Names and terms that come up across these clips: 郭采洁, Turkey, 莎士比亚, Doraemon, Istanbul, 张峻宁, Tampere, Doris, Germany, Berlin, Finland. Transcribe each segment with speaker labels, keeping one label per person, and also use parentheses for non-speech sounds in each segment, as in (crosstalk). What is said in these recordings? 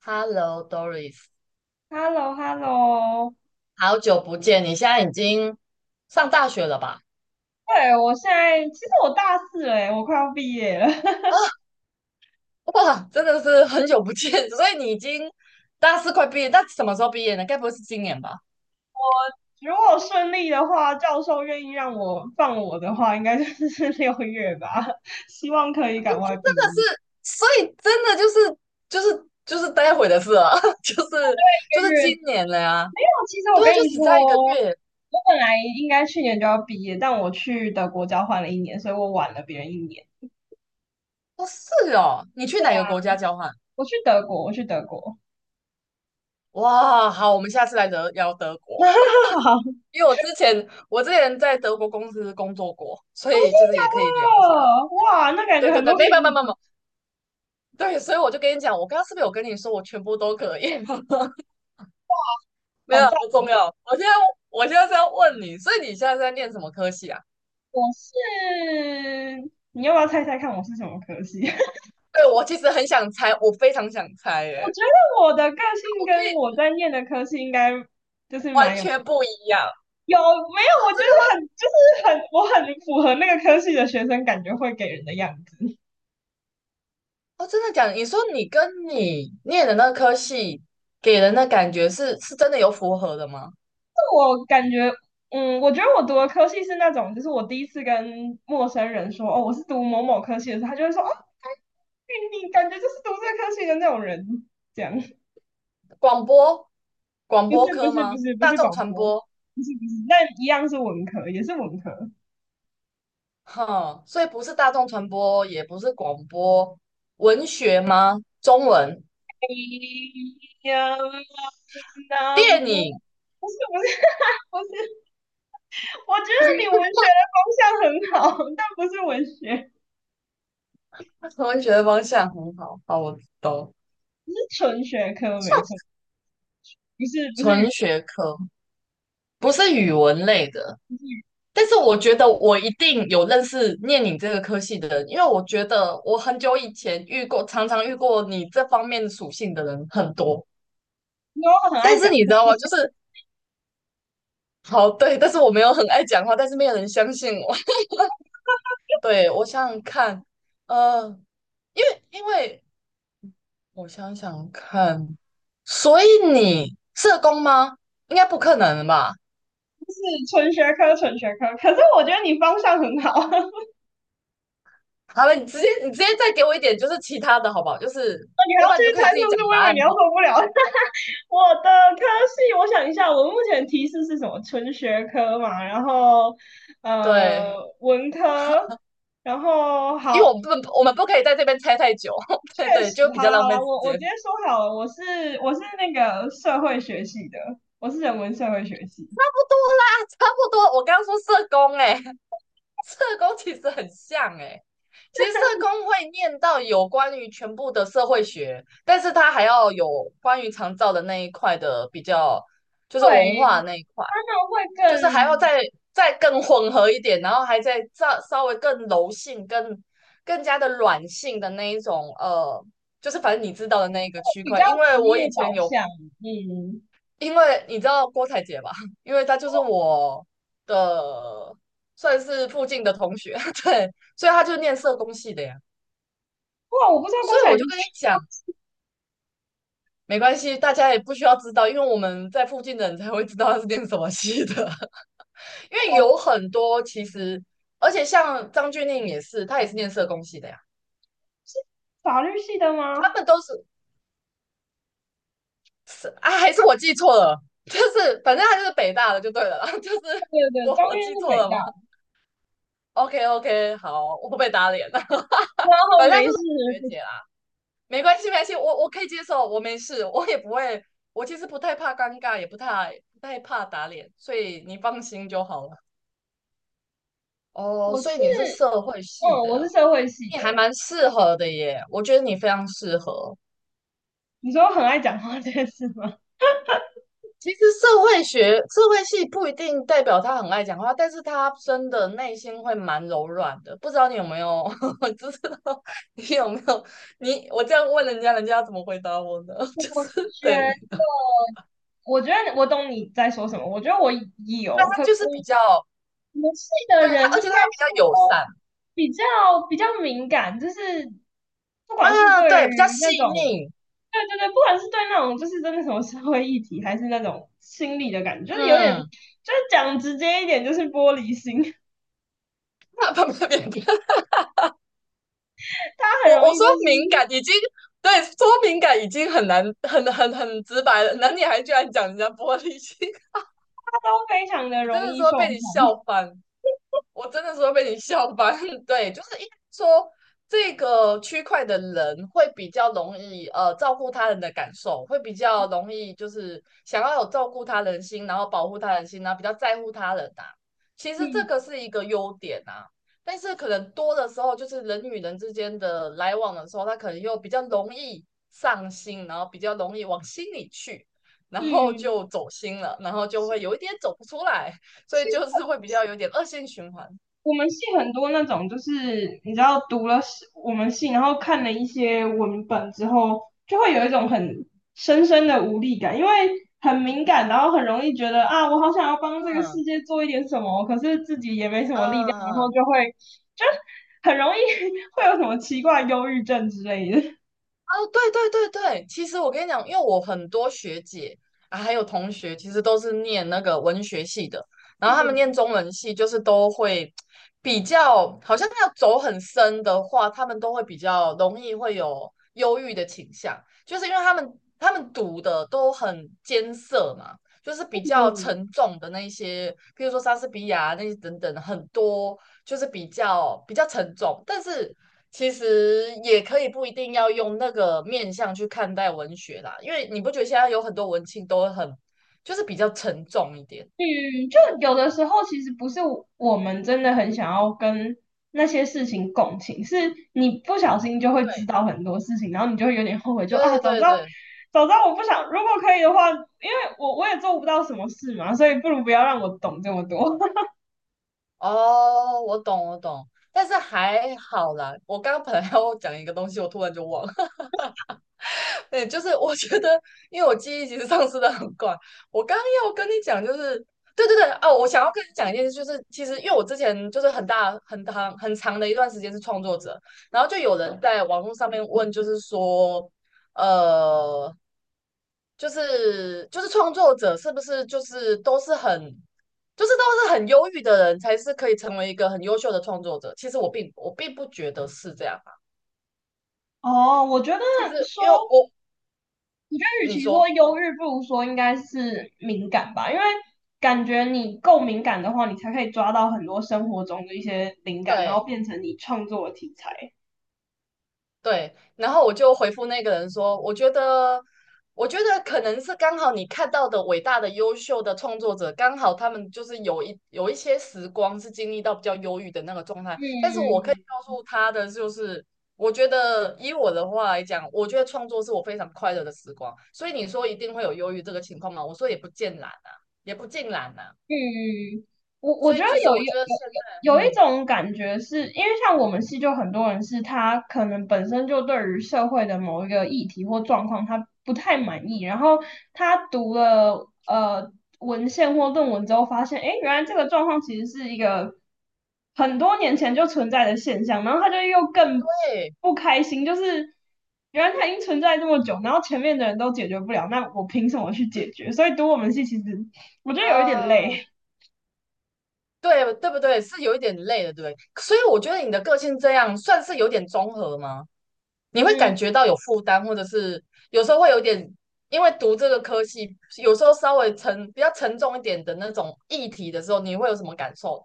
Speaker 1: Hello Doris，
Speaker 2: h e l l o h e l l o
Speaker 1: 好久不见！你现在已经上大学了吧？
Speaker 2: 对，我现在其实我大四了耶，我快要毕业了。(laughs)
Speaker 1: 啊，哇，真的是很久不见，(laughs) 所以你已经大四快毕业，那什么时候毕业呢？该不会是今年吧？
Speaker 2: 如果顺利的话，教授愿意让我放我的话，应该就是 (laughs) 六月吧。(laughs) 希望可以赶快
Speaker 1: 就
Speaker 2: 毕
Speaker 1: 真的
Speaker 2: 业。
Speaker 1: 是，所以真的就是待会的事了，(laughs) 就是
Speaker 2: 一
Speaker 1: 就
Speaker 2: 个
Speaker 1: 是
Speaker 2: 月
Speaker 1: 今年了呀。
Speaker 2: 没有，其实我
Speaker 1: 对啊，
Speaker 2: 跟
Speaker 1: 就
Speaker 2: 你
Speaker 1: 只差一个
Speaker 2: 说，我
Speaker 1: 月。
Speaker 2: 本来应该去年就要毕业，但我去德国交换了一年，所以我晚了别人一年。
Speaker 1: 哦，是哦，你去
Speaker 2: 对
Speaker 1: 哪个
Speaker 2: 啊，
Speaker 1: 国家交换？
Speaker 2: 我去德国。
Speaker 1: 哇，好，我们下次来德聊德国，
Speaker 2: (laughs)
Speaker 1: (laughs)
Speaker 2: 好，
Speaker 1: 因为我之前在德国公司工作过，所
Speaker 2: 真
Speaker 1: 以
Speaker 2: 的
Speaker 1: 就是
Speaker 2: 假
Speaker 1: 也可以聊一下。
Speaker 2: 的？哇，那感
Speaker 1: 对
Speaker 2: 觉
Speaker 1: 对
Speaker 2: 很多
Speaker 1: 对，
Speaker 2: 好
Speaker 1: 没办法，没办
Speaker 2: 友。
Speaker 1: 法，对，所以我就跟你讲，我刚刚是不是有跟你说我全部都可以？(laughs) 没有，不
Speaker 2: 好，
Speaker 1: 重要。我现在是要问你，所以你现在是在念什么科系啊？
Speaker 2: 我是，你要不要猜猜看我是什么科系？(laughs) 我
Speaker 1: 对，我其实很想猜，我非常想猜耶，
Speaker 2: 觉得我的个性
Speaker 1: 我可
Speaker 2: 跟
Speaker 1: 以
Speaker 2: 我在念的科系应该就是
Speaker 1: 完
Speaker 2: 蛮有。
Speaker 1: 全不一样。
Speaker 2: 有没
Speaker 1: 啊
Speaker 2: 有？我觉
Speaker 1: 真的
Speaker 2: 得
Speaker 1: 吗？
Speaker 2: 很就是很，我很符合那个科系的学生感觉会给人的样子。
Speaker 1: 哦，真的讲，你说你跟你念的那科系给人的感觉是真的有符合的吗？
Speaker 2: 我感觉，我觉得我读的科系是那种，就是我第一次跟陌生人说哦我是读某某科系的时候，他就会说哦，哎，你感觉就是读这个科系的那种人，这样。 (laughs)
Speaker 1: 广播广播科吗？
Speaker 2: 不
Speaker 1: 大
Speaker 2: 是
Speaker 1: 众
Speaker 2: 广
Speaker 1: 传
Speaker 2: 播，
Speaker 1: 播？
Speaker 2: 不是不是，但一样是文科，也是文科。
Speaker 1: 哈，所以不是大众传播，也不是广播，文学吗？中文、
Speaker 2: 呀，那
Speaker 1: 电
Speaker 2: 不，
Speaker 1: 影，
Speaker 2: 不是 (laughs) 不是，我觉得你文
Speaker 1: (laughs)
Speaker 2: 学的方向很好，但不是文学，
Speaker 1: 文学的方向很好。好，我懂。
Speaker 2: 不是纯学科，没错，不是不是
Speaker 1: 纯
Speaker 2: 语
Speaker 1: 学科不是语文类的，
Speaker 2: 不是语。
Speaker 1: 但是我觉得我一定有认识念你这个科系的人，因为我觉得我很久以前遇过，常常遇过你这方面属性的人很多。
Speaker 2: 因为我很爱
Speaker 1: 但是
Speaker 2: 讲，
Speaker 1: 你知道吗？就是好对，但是我没有很爱讲话，但是没有人相信我。(laughs) 对，我想想看，呃。因为我想想看，所以你社工吗？应该不可能吧？
Speaker 2: 就是纯学科，可是我觉得你方向很好。(laughs)
Speaker 1: 好了，你直接再给我一点，就是其他的好不好？就是
Speaker 2: 你还要
Speaker 1: 要不然
Speaker 2: 继
Speaker 1: 你就
Speaker 2: 续
Speaker 1: 可以
Speaker 2: 猜
Speaker 1: 自
Speaker 2: 是
Speaker 1: 己
Speaker 2: 不
Speaker 1: 讲
Speaker 2: 是？我
Speaker 1: 答
Speaker 2: 以为
Speaker 1: 案
Speaker 2: 你要受
Speaker 1: 好。
Speaker 2: 不了。(laughs) 我的科系，我想一下，我目前提示是什么？纯学科嘛，然后呃
Speaker 1: 对，
Speaker 2: 文科，然后
Speaker 1: 因为
Speaker 2: 好，
Speaker 1: 我们不可以在这边猜太久，(laughs)
Speaker 2: 确
Speaker 1: 对对，
Speaker 2: 实，
Speaker 1: 就比
Speaker 2: 好
Speaker 1: 较
Speaker 2: 了
Speaker 1: 浪
Speaker 2: 好了，
Speaker 1: 费时
Speaker 2: 我直接
Speaker 1: 间。
Speaker 2: 说好了，我是那个社会学系的，我是人文社会学系。
Speaker 1: 差不多啦，差不多。我刚刚说社工、欸，哎社工其实很像哎、欸其实社工会念到有关于全部的社会学，但是他还要有关于长照的那一块的比较，就是文
Speaker 2: 对，
Speaker 1: 化那一块。
Speaker 2: 他们会
Speaker 1: 就是还要
Speaker 2: 更
Speaker 1: 再更混合一点，然后还再稍微更柔性、更加的软性的那一种，就是反正你知道的那一个区
Speaker 2: 比较
Speaker 1: 块。因
Speaker 2: 职
Speaker 1: 为我以
Speaker 2: 业
Speaker 1: 前
Speaker 2: 导
Speaker 1: 有，
Speaker 2: 向，嗯。
Speaker 1: 因为你知道郭采洁吧，因为她就是我的算是附近的同学，(laughs) 对，所以她就念社工系的呀。
Speaker 2: 哇，我不知道郭
Speaker 1: 所以
Speaker 2: 采
Speaker 1: 我
Speaker 2: 洁
Speaker 1: 就跟你
Speaker 2: 是。
Speaker 1: 讲，没关系，大家也不需要知道，因为我们在附近的人才会知道她是念什么系的。因为有
Speaker 2: 我
Speaker 1: 很多其实，而且像张峻宁也是，他也是念社工系的呀，
Speaker 2: 法律系的
Speaker 1: 他
Speaker 2: 吗？
Speaker 1: 们都是是啊，还是我记错了，就是反正他就是北大的就对了啦，(laughs) 就是
Speaker 2: 对对对，
Speaker 1: 我
Speaker 2: 张
Speaker 1: 我
Speaker 2: 院
Speaker 1: 记
Speaker 2: 是
Speaker 1: 错
Speaker 2: 北
Speaker 1: 了
Speaker 2: 大
Speaker 1: 吗
Speaker 2: 的。
Speaker 1: ？OK OK，好，我不被打脸了，(laughs)
Speaker 2: 然
Speaker 1: 反
Speaker 2: 后
Speaker 1: 正他
Speaker 2: 没
Speaker 1: 就是
Speaker 2: 事，
Speaker 1: 我学姐啦，没关系没关系，我可以接受，我没事，我也不会，我其实不太怕尴尬，也不太怕打脸，所以你放心就好了。哦，
Speaker 2: 我
Speaker 1: 所以
Speaker 2: 是，
Speaker 1: 你是社会系
Speaker 2: 嗯，我
Speaker 1: 的
Speaker 2: 是
Speaker 1: 啊，
Speaker 2: 社会系
Speaker 1: 你还
Speaker 2: 的。
Speaker 1: 蛮适合的耶，我觉得你非常适合。
Speaker 2: 你说我很爱讲话这件事吗？
Speaker 1: 其实社会学、社会系不一定代表他很爱讲话，但是他真的内心会蛮柔软的。不知道你有没有，(laughs) 知道你有没有？你我这样问人家，人家要怎么回答我呢？
Speaker 2: (laughs)
Speaker 1: (laughs)
Speaker 2: 我
Speaker 1: 就是
Speaker 2: 觉
Speaker 1: 对
Speaker 2: 得，我觉得我懂你在说什么。我觉得我
Speaker 1: 他
Speaker 2: 有，可
Speaker 1: 就是比较
Speaker 2: 我们系的
Speaker 1: 对他，
Speaker 2: 人应
Speaker 1: 而且
Speaker 2: 该
Speaker 1: 他比较友
Speaker 2: 说
Speaker 1: 善
Speaker 2: 比较比较敏感，就是不管是
Speaker 1: 啊，
Speaker 2: 对
Speaker 1: 对，比较
Speaker 2: 于
Speaker 1: 细
Speaker 2: 那种，
Speaker 1: 腻。
Speaker 2: 对对对，不管是对那种就是真的什么社会议题，还是那种心理的感觉，就是有点，就
Speaker 1: 嗯，
Speaker 2: 是讲直接一点，就是玻璃心。(laughs)
Speaker 1: (laughs) 那不不不，
Speaker 2: 他
Speaker 1: 我
Speaker 2: 很容易
Speaker 1: 我说
Speaker 2: 就
Speaker 1: 敏
Speaker 2: 是
Speaker 1: 感已经对说敏感已经很难很直白了，那女你还居然讲人家玻璃心，
Speaker 2: 他都非常
Speaker 1: (laughs)
Speaker 2: 的
Speaker 1: 我
Speaker 2: 容
Speaker 1: 真的
Speaker 2: 易
Speaker 1: 说
Speaker 2: 受
Speaker 1: 被你
Speaker 2: 伤，
Speaker 1: 笑翻。我真的是会被你笑翻。(laughs) 对，就是应该说这个区块的人会比较容易照顾他人的感受，会比较容易就是想要有照顾他人心，然后保护他人心，然后比较在乎他人啊。其实这
Speaker 2: 嗯
Speaker 1: 个是一个优点啊，但是可能多的时候就是人与人之间的来往的时候，他可能又比较容易上心，然后比较容易往心里去，然后
Speaker 2: 嗯。
Speaker 1: 就走心了，然后就会有一点走不出来。所以就是会比较有点恶性循环。
Speaker 2: 我们系很多那种，就是你知道读了我们系，然后看了一些文本之后，就会有一种很深深的无力感，因为很敏感，然后很容易觉得啊，我好想要帮这个
Speaker 1: 嗯
Speaker 2: 世界做一点什么，可是自己也没什么力量，然后
Speaker 1: 嗯
Speaker 2: 就会，就很容易 (laughs) 会有什么奇怪忧郁症之类的。
Speaker 1: 哦，对对对对，其实我跟你讲，因为我很多学姐啊，还有同学，其实都是念那个文学系的，然后他们念中文系，就是都会比较，好像要走很深的话，他们都会比较容易会有忧郁的倾向，就是因为他们读的都很艰涩嘛，就是比较
Speaker 2: 嗯
Speaker 1: 沉重的那些，譬如说莎士比亚那些等等，很多就是比较沉重，但是其实也可以不一定要用那个面向去看待文学啦，因为你不觉得现在有很多文青都很就是比较沉重一点？
Speaker 2: 嗯，就有的时候其实不是我们真的很想要跟那些事情共情，是你不小心就会知
Speaker 1: 对
Speaker 2: 道很多事情，然后你就会有点后悔，就啊，
Speaker 1: 对
Speaker 2: 早知
Speaker 1: 对
Speaker 2: 道，
Speaker 1: 对，
Speaker 2: 我不想，如果可以的话，因为我我也做不到什么事嘛，所以不如不要让我懂这么多。
Speaker 1: 哦，我懂我懂，但是还好啦，我刚刚本来要讲一个东西，我突然就忘了。对，就是我觉得，因为我记忆其实丧失的很快。我刚要跟你讲，就是对对对哦，我想要跟你讲一件事，就是其实因为我之前就是很大很长很长的一段时间是创作者，然后就有人在网络上面问，就是说，呃，就是创作者是不是就是都是很忧郁的人才是可以成为一个很优秀的创作者？其实我并不觉得是这样啊。
Speaker 2: (laughs) 哦，我觉得
Speaker 1: 其实因为
Speaker 2: 说，
Speaker 1: 我
Speaker 2: 我觉得与
Speaker 1: 你
Speaker 2: 其说
Speaker 1: 说
Speaker 2: 忧郁，不如说应该是敏感吧，因为感觉你够敏感的话，你才可以抓到很多生活中的一些灵感，然后
Speaker 1: 对。
Speaker 2: 变成你创作的题材。
Speaker 1: 对，然后我就回复那个人说，我觉得，我觉得可能是刚好你看到的伟大的、优秀的创作者，刚好他们就是有一些时光是经历到比较忧郁的那个状态。但是我可以
Speaker 2: 嗯，
Speaker 1: 告诉他的就是，我觉得以我的话来讲，我觉得创作是我非常快乐的时光。所以你说一定会有忧郁这个情况吗？我说也不尽然啊，也不尽然啊。
Speaker 2: 嗯，嗯，我
Speaker 1: 所
Speaker 2: 觉
Speaker 1: 以
Speaker 2: 得
Speaker 1: 其实
Speaker 2: 有
Speaker 1: 我觉得现在，
Speaker 2: 有一
Speaker 1: 嗯，
Speaker 2: 种感觉是，因为像我们系就很多人是他可能本身就对于社会的某一个议题或状况他不太满意，然后他读了文献或论文之后发现，诶，原来这个状况其实是一个很多年前就存在的现象，然后他就又更
Speaker 1: 对，
Speaker 2: 不开心，就是原来它已经存在这么久，然后前面的人都解决不了，那我凭什么去解决？所以读我们系其实我觉得有一点
Speaker 1: 啊。
Speaker 2: 累。
Speaker 1: 对对不对？是有一点累的，对不对？所以我觉得你的个性这样算是有点综合吗？你会
Speaker 2: 嗯，
Speaker 1: 感觉到有负担，或者是有时候会有点，因为读这个科系，有时候稍微比较沉重一点的那种议题的时候，你会有什么感受？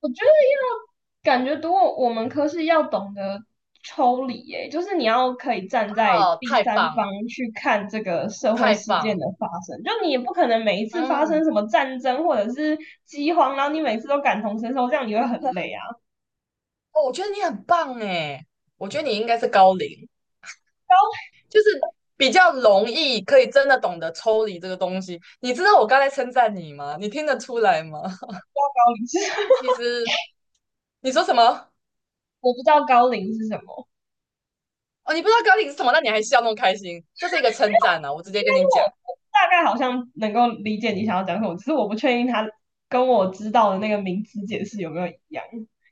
Speaker 2: 我觉得要感觉读我们科是要懂得抽离，诶，就是你要可以站在
Speaker 1: 哦，
Speaker 2: 第
Speaker 1: 太
Speaker 2: 三
Speaker 1: 棒，
Speaker 2: 方去看这个社会
Speaker 1: 太
Speaker 2: 事件
Speaker 1: 棒，
Speaker 2: 的发生，就你也不可能每一次发
Speaker 1: 嗯，
Speaker 2: 生什么战争或者是饥荒，然后你每次都感同身受，这样你会很累啊。
Speaker 1: 哦，我觉得你很棒诶，我觉得你应该是高龄，
Speaker 2: 高
Speaker 1: 就是比较容易可以真的懂得抽离这个东西。你知道我刚才称赞你吗？你听得出来吗？(laughs)
Speaker 2: 高龄是
Speaker 1: 因为
Speaker 2: (laughs)
Speaker 1: 其实你说什么？
Speaker 2: 我不知道高龄是什么，
Speaker 1: 哦，你不知道高领是什么，那你还笑那么开心，这是一个称赞啊！我直接
Speaker 2: 应该
Speaker 1: 跟
Speaker 2: 是
Speaker 1: 你讲，
Speaker 2: 我，我大概好像能够理解你想要讲什么，只是我不确定他跟我知道的那个名词解释有没有一样。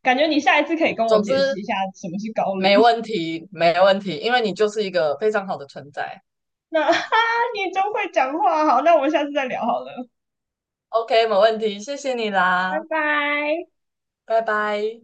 Speaker 2: 感觉你下一次可以跟我
Speaker 1: 总
Speaker 2: 解释
Speaker 1: 之
Speaker 2: 一下什么是高龄。
Speaker 1: 没问题，没问题，因为你就是一个非常好的存在
Speaker 2: 那哈，
Speaker 1: 啊。
Speaker 2: (laughs) 你真会讲话，好，那我们下次再聊好了，
Speaker 1: OK，没问题，谢谢你
Speaker 2: 拜
Speaker 1: 啦，
Speaker 2: 拜。
Speaker 1: 拜拜。